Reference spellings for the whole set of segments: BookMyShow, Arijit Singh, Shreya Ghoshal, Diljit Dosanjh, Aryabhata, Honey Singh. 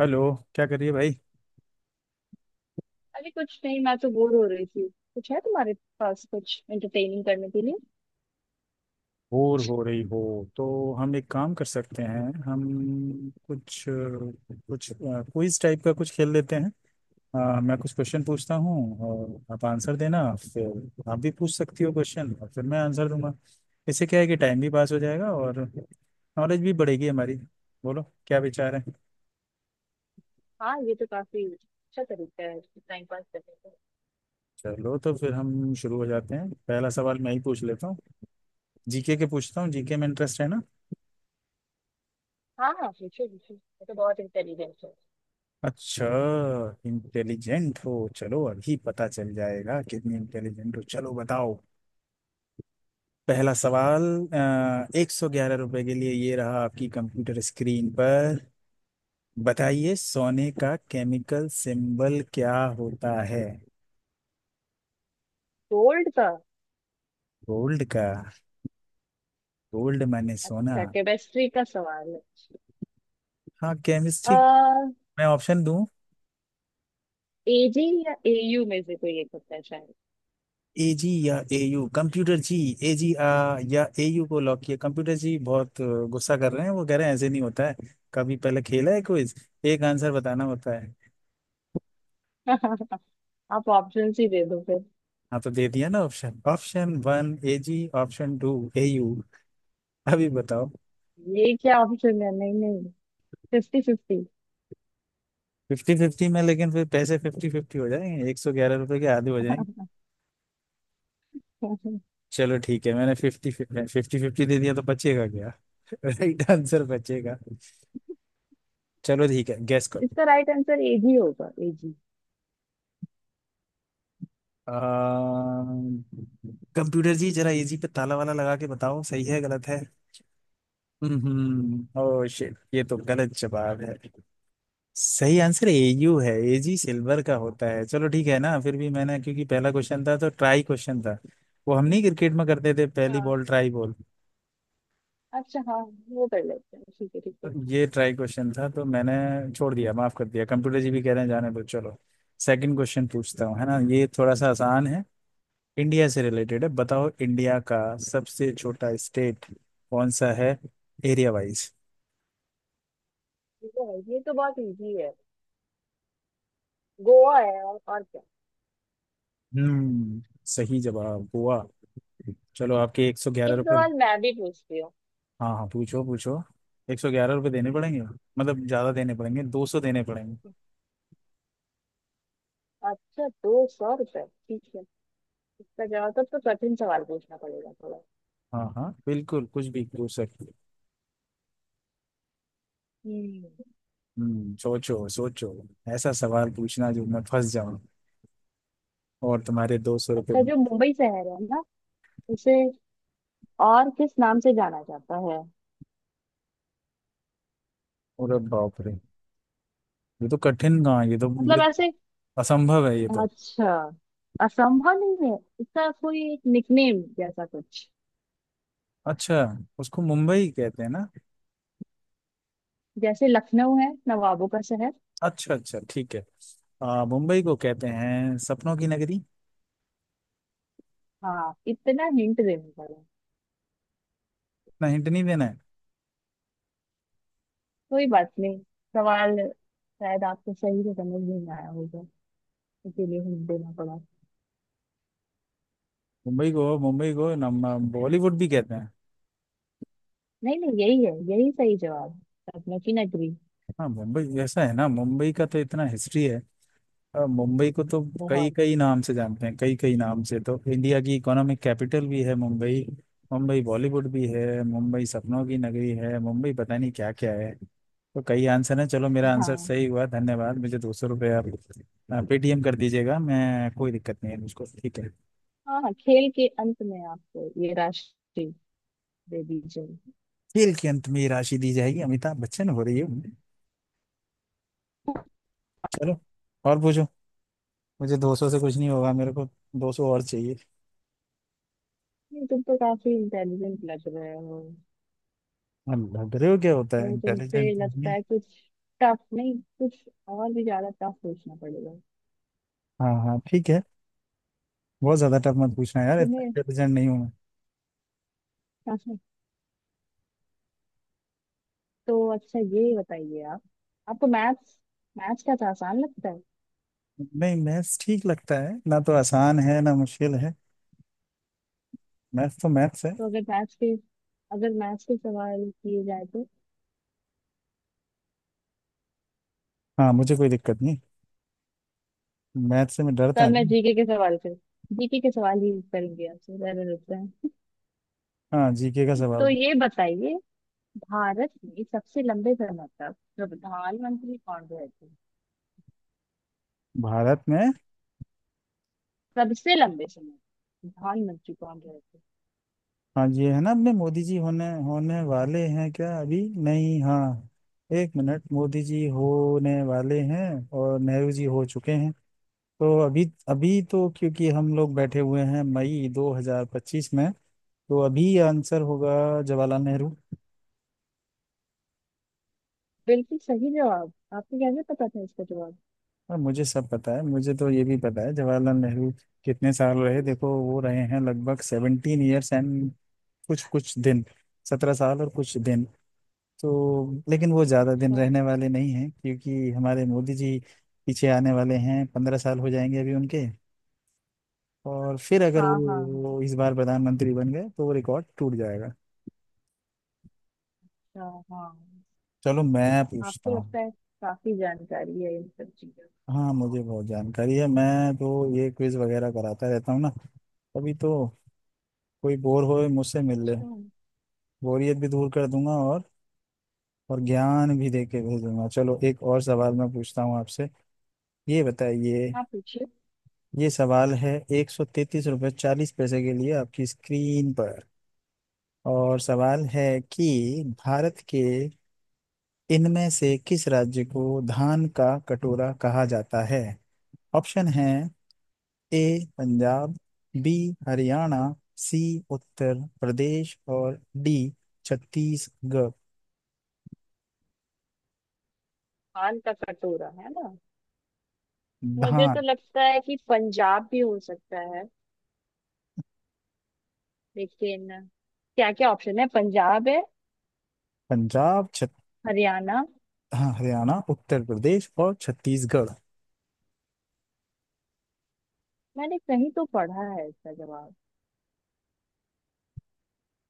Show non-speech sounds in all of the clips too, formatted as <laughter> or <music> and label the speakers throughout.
Speaker 1: Hello. क्या कर रही है भाई।
Speaker 2: अरे कुछ नहीं, मैं तो बोर हो रही थी। कुछ है तुम्हारे पास कुछ एंटरटेनिंग करने के लिए।
Speaker 1: बोर हो रही हो तो हम एक काम कर सकते हैं। हम कुछ कुछ क्विज टाइप का कुछ खेल लेते हैं। मैं कुछ क्वेश्चन पूछता हूँ और आप आंसर देना, फिर आप भी पूछ सकती हो क्वेश्चन और फिर मैं आंसर दूंगा। इससे क्या है कि टाइम भी पास हो जाएगा और नॉलेज भी बढ़ेगी हमारी। बोलो क्या विचार है।
Speaker 2: हाँ, ये तो काफी अच्छा तरीका है टाइम पास करने का।
Speaker 1: चलो तो फिर हम शुरू हो जाते हैं। पहला सवाल मैं ही पूछ लेता हूँ, जीके के पूछता हूँ। जीके में इंटरेस्ट है ना?
Speaker 2: हाँ हाँ, पूछो पूछो, ये तो बहुत इंटेलिजेंट है।
Speaker 1: अच्छा, इंटेलिजेंट हो। चलो अभी पता चल जाएगा कितनी इंटेलिजेंट हो। चलो बताओ, पहला सवाल 111 रुपए के लिए, ये रहा आपकी कंप्यूटर स्क्रीन पर। बताइए, सोने का केमिकल सिंबल क्या होता है?
Speaker 2: गोल्ड का।
Speaker 1: गोल्ड का, गोल्ड माने सोना।
Speaker 2: अच्छा, केमिस्ट्री का सवाल है।
Speaker 1: हाँ,
Speaker 2: आ,
Speaker 1: केमिस्ट्री। मैं ऑप्शन दूं?
Speaker 2: एजी या एयू में से कोई एक होता है शायद।
Speaker 1: एजी या एयू, कंप्यूटर जी एजी आ या एयू को लॉक किया। कंप्यूटर जी बहुत गुस्सा कर रहे हैं। वो कह रहे हैं ऐसे नहीं होता है। कभी पहले खेला है क्विज? एक आंसर बताना होता है।
Speaker 2: <laughs> आप ऑप्शन ही दे दो फिर।
Speaker 1: हाँ, तो दे दिया ना option. Option one AG, option two AU. अभी बताओ।
Speaker 2: ये क्या ऑप्शन है, नहीं नहीं, फिफ्टी फिफ्टी।
Speaker 1: फिफ्टी फिफ्टी में, लेकिन फिर पैसे फिफ्टी फिफ्टी हो जाएंगे। 111 रुपए के आधे हो जाएंगे।
Speaker 2: <laughs>
Speaker 1: चलो ठीक है, मैंने फिफ्टी फिफ्टी फिफ्टी दे दिया तो बचेगा क्या <laughs> राइट आंसर बचेगा। चलो ठीक है, गैस करो।
Speaker 2: इसका राइट आंसर एजी होगा, एजी।
Speaker 1: कंप्यूटर जी, जरा इजी पे ताला वाला लगा के बताओ सही है गलत है। हम्म, ओह शिट, ये तो गलत जवाब है। सही आंसर एयू है, एजी सिल्वर का होता है। चलो ठीक है ना, फिर भी मैंने क्योंकि पहला क्वेश्चन था तो ट्राई क्वेश्चन था। वो हम नहीं क्रिकेट में करते थे, पहली
Speaker 2: हाँ।
Speaker 1: Ball try ball.
Speaker 2: अच्छा, हाँ, वो कर लेते हैं, ठीक है ठीक है।
Speaker 1: ये ट्राई क्वेश्चन था तो मैंने छोड़ दिया, माफ कर दिया। कंप्यूटर जी भी कह रहे हैं जाने दो। चलो, सेकंड क्वेश्चन पूछता हूँ। है ना, ये थोड़ा सा आसान है। इंडिया से रिलेटेड है। बताओ, इंडिया का सबसे छोटा स्टेट कौन सा है, एरिया वाइज?
Speaker 2: ये तो है, ये तो बहुत इजी है। गोवा है, और क्या।
Speaker 1: हम्म, सही जवाब गोवा। चलो आपके एक सौ ग्यारह
Speaker 2: एक
Speaker 1: रुपये
Speaker 2: सवाल मैं भी पूछती हूँ।
Speaker 1: हाँ हाँ, पूछो पूछो। 111 रुपये देने पड़ेंगे, मतलब ज्यादा देने पड़ेंगे, 200 देने पड़ेंगे।
Speaker 2: अच्छा, 200 रुपये ठीक है। इसका जवाब तो कठिन सवाल पूछना पड़ेगा थोड़ा।
Speaker 1: हाँ हाँ, बिल्कुल, कुछ भी पूछ सकते हो।
Speaker 2: हम्म।
Speaker 1: हम्म, सोचो सोचो। ऐसा सवाल पूछना जो मैं फंस जाऊं और तुम्हारे 200 रुपये
Speaker 2: अच्छा,
Speaker 1: में।
Speaker 2: जो मुंबई शहर है ना उसे और किस नाम से जाना जाता है।
Speaker 1: और बाप रे, ये तो कठिन कहाँ है, ये तो,
Speaker 2: मतलब
Speaker 1: ये
Speaker 2: ऐसे।
Speaker 1: असंभव है ये तो।
Speaker 2: अच्छा, असंभव नहीं है, इसका कोई एक निकनेम जैसा कुछ,
Speaker 1: अच्छा, उसको मुंबई कहते हैं ना।
Speaker 2: जैसे लखनऊ है नवाबों का शहर।
Speaker 1: अच्छा अच्छा ठीक है। मुंबई को कहते हैं सपनों की नगरी।
Speaker 2: हाँ, इतना हिंट देना पड़ा।
Speaker 1: इतना हिंट नहीं देना है।
Speaker 2: कोई बात नहीं। सवाल शायद आपको सही से समझ नहीं आया होगा, इसीलिए हिंट देना पड़ा।
Speaker 1: मुंबई को नम बॉलीवुड भी कहते हैं।
Speaker 2: नहीं नहीं, यही है, यही सही जवाब है, सपनों की नगरी।
Speaker 1: हाँ मुंबई, ऐसा है ना, मुंबई का तो इतना हिस्ट्री है। मुंबई को तो कई
Speaker 2: बहुत।
Speaker 1: कई नाम से जानते हैं। कई कई नाम से, तो इंडिया की इकोनॉमिक कैपिटल भी है मुंबई, मुंबई बॉलीवुड भी है, मुंबई सपनों की नगरी है, मुंबई पता नहीं क्या क्या है। तो कई आंसर है। चलो मेरा आंसर
Speaker 2: हाँ।
Speaker 1: सही हुआ, धन्यवाद। मुझे 200 रुपये आप पेटीएम कर दीजिएगा। मैं, कोई दिक्कत नहीं है मुझको, ठीक है।
Speaker 2: हाँ हाँ, खेल के अंत में आपको ये राशि दे दी जाएगी।
Speaker 1: खेल के अंत में ये राशि दी जाएगी, अमिताभ बच्चन हो रही है उनमें। चलो और पूछो। मुझे दो सौ से कुछ नहीं होगा, मेरे को 200 और चाहिए।
Speaker 2: तुम तो काफी इंटेलिजेंट लग रहे हो।
Speaker 1: हम लग रहे हो क्या होता है,
Speaker 2: तो तुमसे
Speaker 1: इंटेलिजेंट तो हूँ
Speaker 2: लगता
Speaker 1: ही।
Speaker 2: है कुछ टफ नहीं, कुछ और भी ज्यादा टफ पूछना पड़ेगा
Speaker 1: हाँ हाँ ठीक है, बहुत ज्यादा टफ मत पूछना यार, इतना
Speaker 2: तुम्हें।
Speaker 1: इंटेलिजेंट नहीं हूँ।
Speaker 2: <laughs> तो अच्छा, ये बताइए आप, आपको मैथ्स मैथ्स का तो आसान लगता है।
Speaker 1: मैं नहीं, मैथ्स ठीक लगता है ना तो, आसान है ना मुश्किल है, मैथ्स तो मैथ्स है।
Speaker 2: तो अगर मैथ्स के सवाल किए जाए तो।
Speaker 1: हाँ, मुझे कोई दिक्कत नहीं, मैथ्स से मैं डरता
Speaker 2: तब मैं
Speaker 1: नहीं।
Speaker 2: जीके के सवाल ही करेंगे आपसे, ज्यादा लगता है।
Speaker 1: हाँ, जीके का
Speaker 2: तो
Speaker 1: सवाल।
Speaker 2: ये बताइए, भारत में सबसे लंबे समय तक प्रधानमंत्री कौन रहे थे।
Speaker 1: भारत में,
Speaker 2: सबसे लंबे समय तक प्रधानमंत्री कौन रहे थे।
Speaker 1: हाँ ये है ना, अपने मोदी जी होने होने वाले हैं क्या अभी? नहीं, हाँ एक मिनट, मोदी जी होने वाले हैं और नेहरू जी हो चुके हैं। तो अभी अभी तो, क्योंकि हम लोग बैठे हुए हैं मई 2025 में, तो अभी आंसर होगा जवाहरलाल नेहरू।
Speaker 2: बिल्कुल सही जवाब, आपको कैसे पता था इसका जवाब।
Speaker 1: और मुझे सब पता है, मुझे तो ये भी पता है जवाहरलाल नेहरू कितने साल रहे। देखो, वो रहे हैं लगभग 17 years एंड कुछ कुछ दिन, 17 साल और कुछ दिन। तो लेकिन वो ज़्यादा दिन
Speaker 2: अच्छा।
Speaker 1: रहने वाले नहीं हैं, क्योंकि हमारे मोदी जी पीछे आने वाले हैं। 15 साल हो जाएंगे अभी उनके, और फिर अगर
Speaker 2: हाँ
Speaker 1: वो,
Speaker 2: हाँ हाँ।
Speaker 1: वो इस बार प्रधानमंत्री बन गए तो वो रिकॉर्ड टूट जाएगा।
Speaker 2: अच्छा। हाँ।
Speaker 1: चलो मैं पूछता
Speaker 2: आपको
Speaker 1: हूँ।
Speaker 2: लगता है काफी जानकारी है इन सब चीजों।
Speaker 1: हाँ, मुझे बहुत जानकारी है, मैं तो ये क्विज वगैरह कराता रहता हूँ ना अभी तो। कोई बोर होए मुझसे मिल ले,
Speaker 2: अच्छा।
Speaker 1: बोरियत भी दूर कर दूंगा और ज्ञान भी दे के भेजूंगा। चलो एक और सवाल मैं पूछता हूँ आपसे। ये बताइए,
Speaker 2: आप पूछिए।
Speaker 1: ये सवाल है 133.40 रुपये के लिए, आपकी स्क्रीन पर। और सवाल है कि भारत के इनमें से किस राज्य को धान का कटोरा कहा जाता है? ऑप्शन है, A Punjab, B Haryana, C Uttar Pradesh, और डी छत्तीसगढ़।
Speaker 2: पान का कटोरा है ना, मुझे तो
Speaker 1: धान।
Speaker 2: लगता है कि पंजाब भी हो सकता है, लेकिन क्या क्या ऑप्शन है, पंजाब है,
Speaker 1: पंजाब, छत।
Speaker 2: हरियाणा।
Speaker 1: हाँ, हरियाणा, उत्तर प्रदेश और छत्तीसगढ़।
Speaker 2: मैंने कहीं तो पढ़ा है इसका जवाब।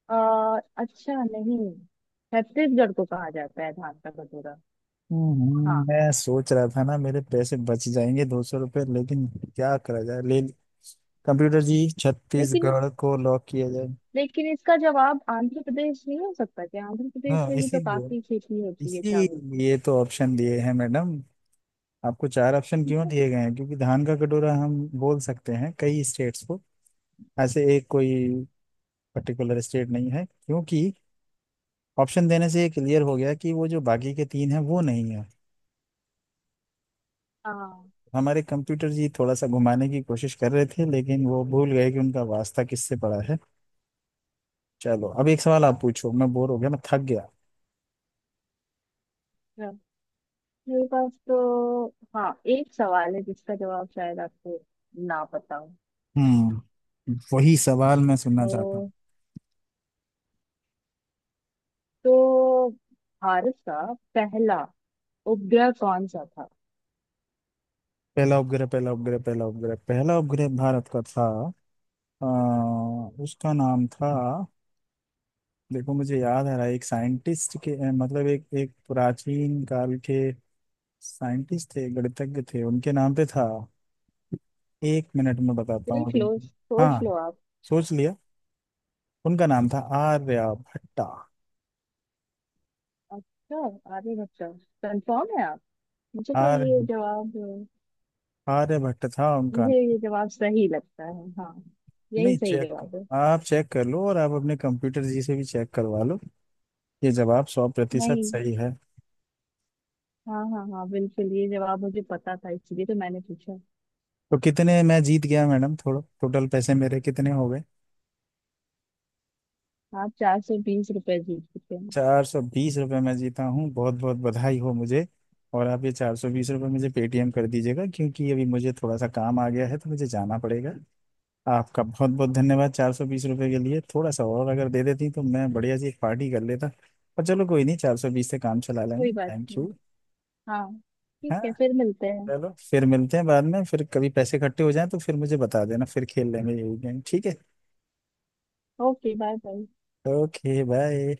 Speaker 2: अच्छा, नहीं, छत्तीसगढ़ को कहा जाता है धान का कटोरा। हाँ,
Speaker 1: मैं सोच रहा था ना मेरे पैसे बच जाएंगे 200 रुपये, लेकिन क्या करा जाए। ले, कंप्यूटर जी,
Speaker 2: लेकिन
Speaker 1: छत्तीसगढ़ को लॉक किया जाए।
Speaker 2: लेकिन इसका जवाब आंध्र प्रदेश नहीं हो सकता क्या, आंध्र प्रदेश
Speaker 1: हाँ,
Speaker 2: में भी तो
Speaker 1: इसीलिए
Speaker 2: काफी खेती होती है चावल की।
Speaker 1: इसीलिए तो ऑप्शन दिए हैं मैडम। आपको चार ऑप्शन क्यों दिए गए हैं? क्योंकि धान का कटोरा हम बोल सकते हैं कई स्टेट्स को। ऐसे एक कोई पर्टिकुलर स्टेट नहीं है, क्योंकि ऑप्शन देने से ये क्लियर हो गया कि वो जो बाकी के तीन हैं वो नहीं है।
Speaker 2: हाँ
Speaker 1: हमारे कंप्यूटर जी थोड़ा सा घुमाने की कोशिश कर रहे थे, लेकिन वो भूल गए कि उनका वास्ता किससे पड़ा है। चलो, अब एक सवाल आप
Speaker 2: हाँ
Speaker 1: पूछो, मैं बोर हो गया, मैं थक गया।
Speaker 2: हाँ। मेरे पास तो, हाँ, एक सवाल है जिसका जवाब शायद आपको ना पता हो।
Speaker 1: हम्म, वही सवाल मैं सुनना चाहता हूँ।
Speaker 2: तो तो भारत का पहला उपग्रह कौन सा था।
Speaker 1: पहला उपग्रह भारत का था। आ, उसका नाम था, देखो मुझे याद आ रहा है। एक साइंटिस्ट के मतलब एक एक प्राचीन काल के साइंटिस्ट थे, गणितज्ञ थे, उनके नाम पे था। एक मिनट में बताता
Speaker 2: देख लो,
Speaker 1: हूँ।
Speaker 2: सोच
Speaker 1: हाँ,
Speaker 2: लो आप।
Speaker 1: सोच लिया, उनका नाम था आर्य भट्टा।
Speaker 2: अच्छा, आगे बच्चा, कंफर्म है आप। मुझे तो
Speaker 1: आर्य
Speaker 2: ये जवाब
Speaker 1: आर्य भट्ट था उनका
Speaker 2: मुझे
Speaker 1: नाम।
Speaker 2: ये जवाब सही लगता है, हाँ, यही
Speaker 1: नहीं,
Speaker 2: सही
Speaker 1: चेक,
Speaker 2: जवाब है।
Speaker 1: आप चेक कर लो और आप अपने कंप्यूटर जी से भी चेक करवा लो। ये जवाब 100%
Speaker 2: नहीं,
Speaker 1: सही है।
Speaker 2: हाँ हाँ हाँ, बिल्कुल ये जवाब मुझे पता था, इसलिए तो मैंने पूछा।
Speaker 1: तो कितने मैं जीत गया मैडम? थोड़ा टोटल पैसे मेरे कितने हो गए?
Speaker 2: आप 420 रुपए जीत चुके हैं।
Speaker 1: चार सौ बीस रुपये मैं जीता हूँ, बहुत बहुत बधाई हो मुझे। और आप ये 420 रुपये मुझे पेटीएम कर दीजिएगा, क्योंकि अभी मुझे थोड़ा सा काम आ गया है तो मुझे जाना पड़ेगा। आपका बहुत बहुत धन्यवाद। 420 रुपये के लिए, थोड़ा सा और अगर दे देती तो मैं बढ़िया सी एक पार्टी कर लेता, पर चलो कोई नहीं, चार सौ बीस से काम चला
Speaker 2: कोई
Speaker 1: लेंगे,
Speaker 2: बात।
Speaker 1: Thank you.
Speaker 2: हाँ, ठीक है,
Speaker 1: हाँ,
Speaker 2: फिर मिलते हैं।
Speaker 1: चलो फिर मिलते हैं बाद में। फिर कभी पैसे इकट्ठे हो जाएं तो फिर मुझे बता देना, फिर खेल लेंगे यही गेम, ठीक है?
Speaker 2: Okay, bye bye.
Speaker 1: Okay bye.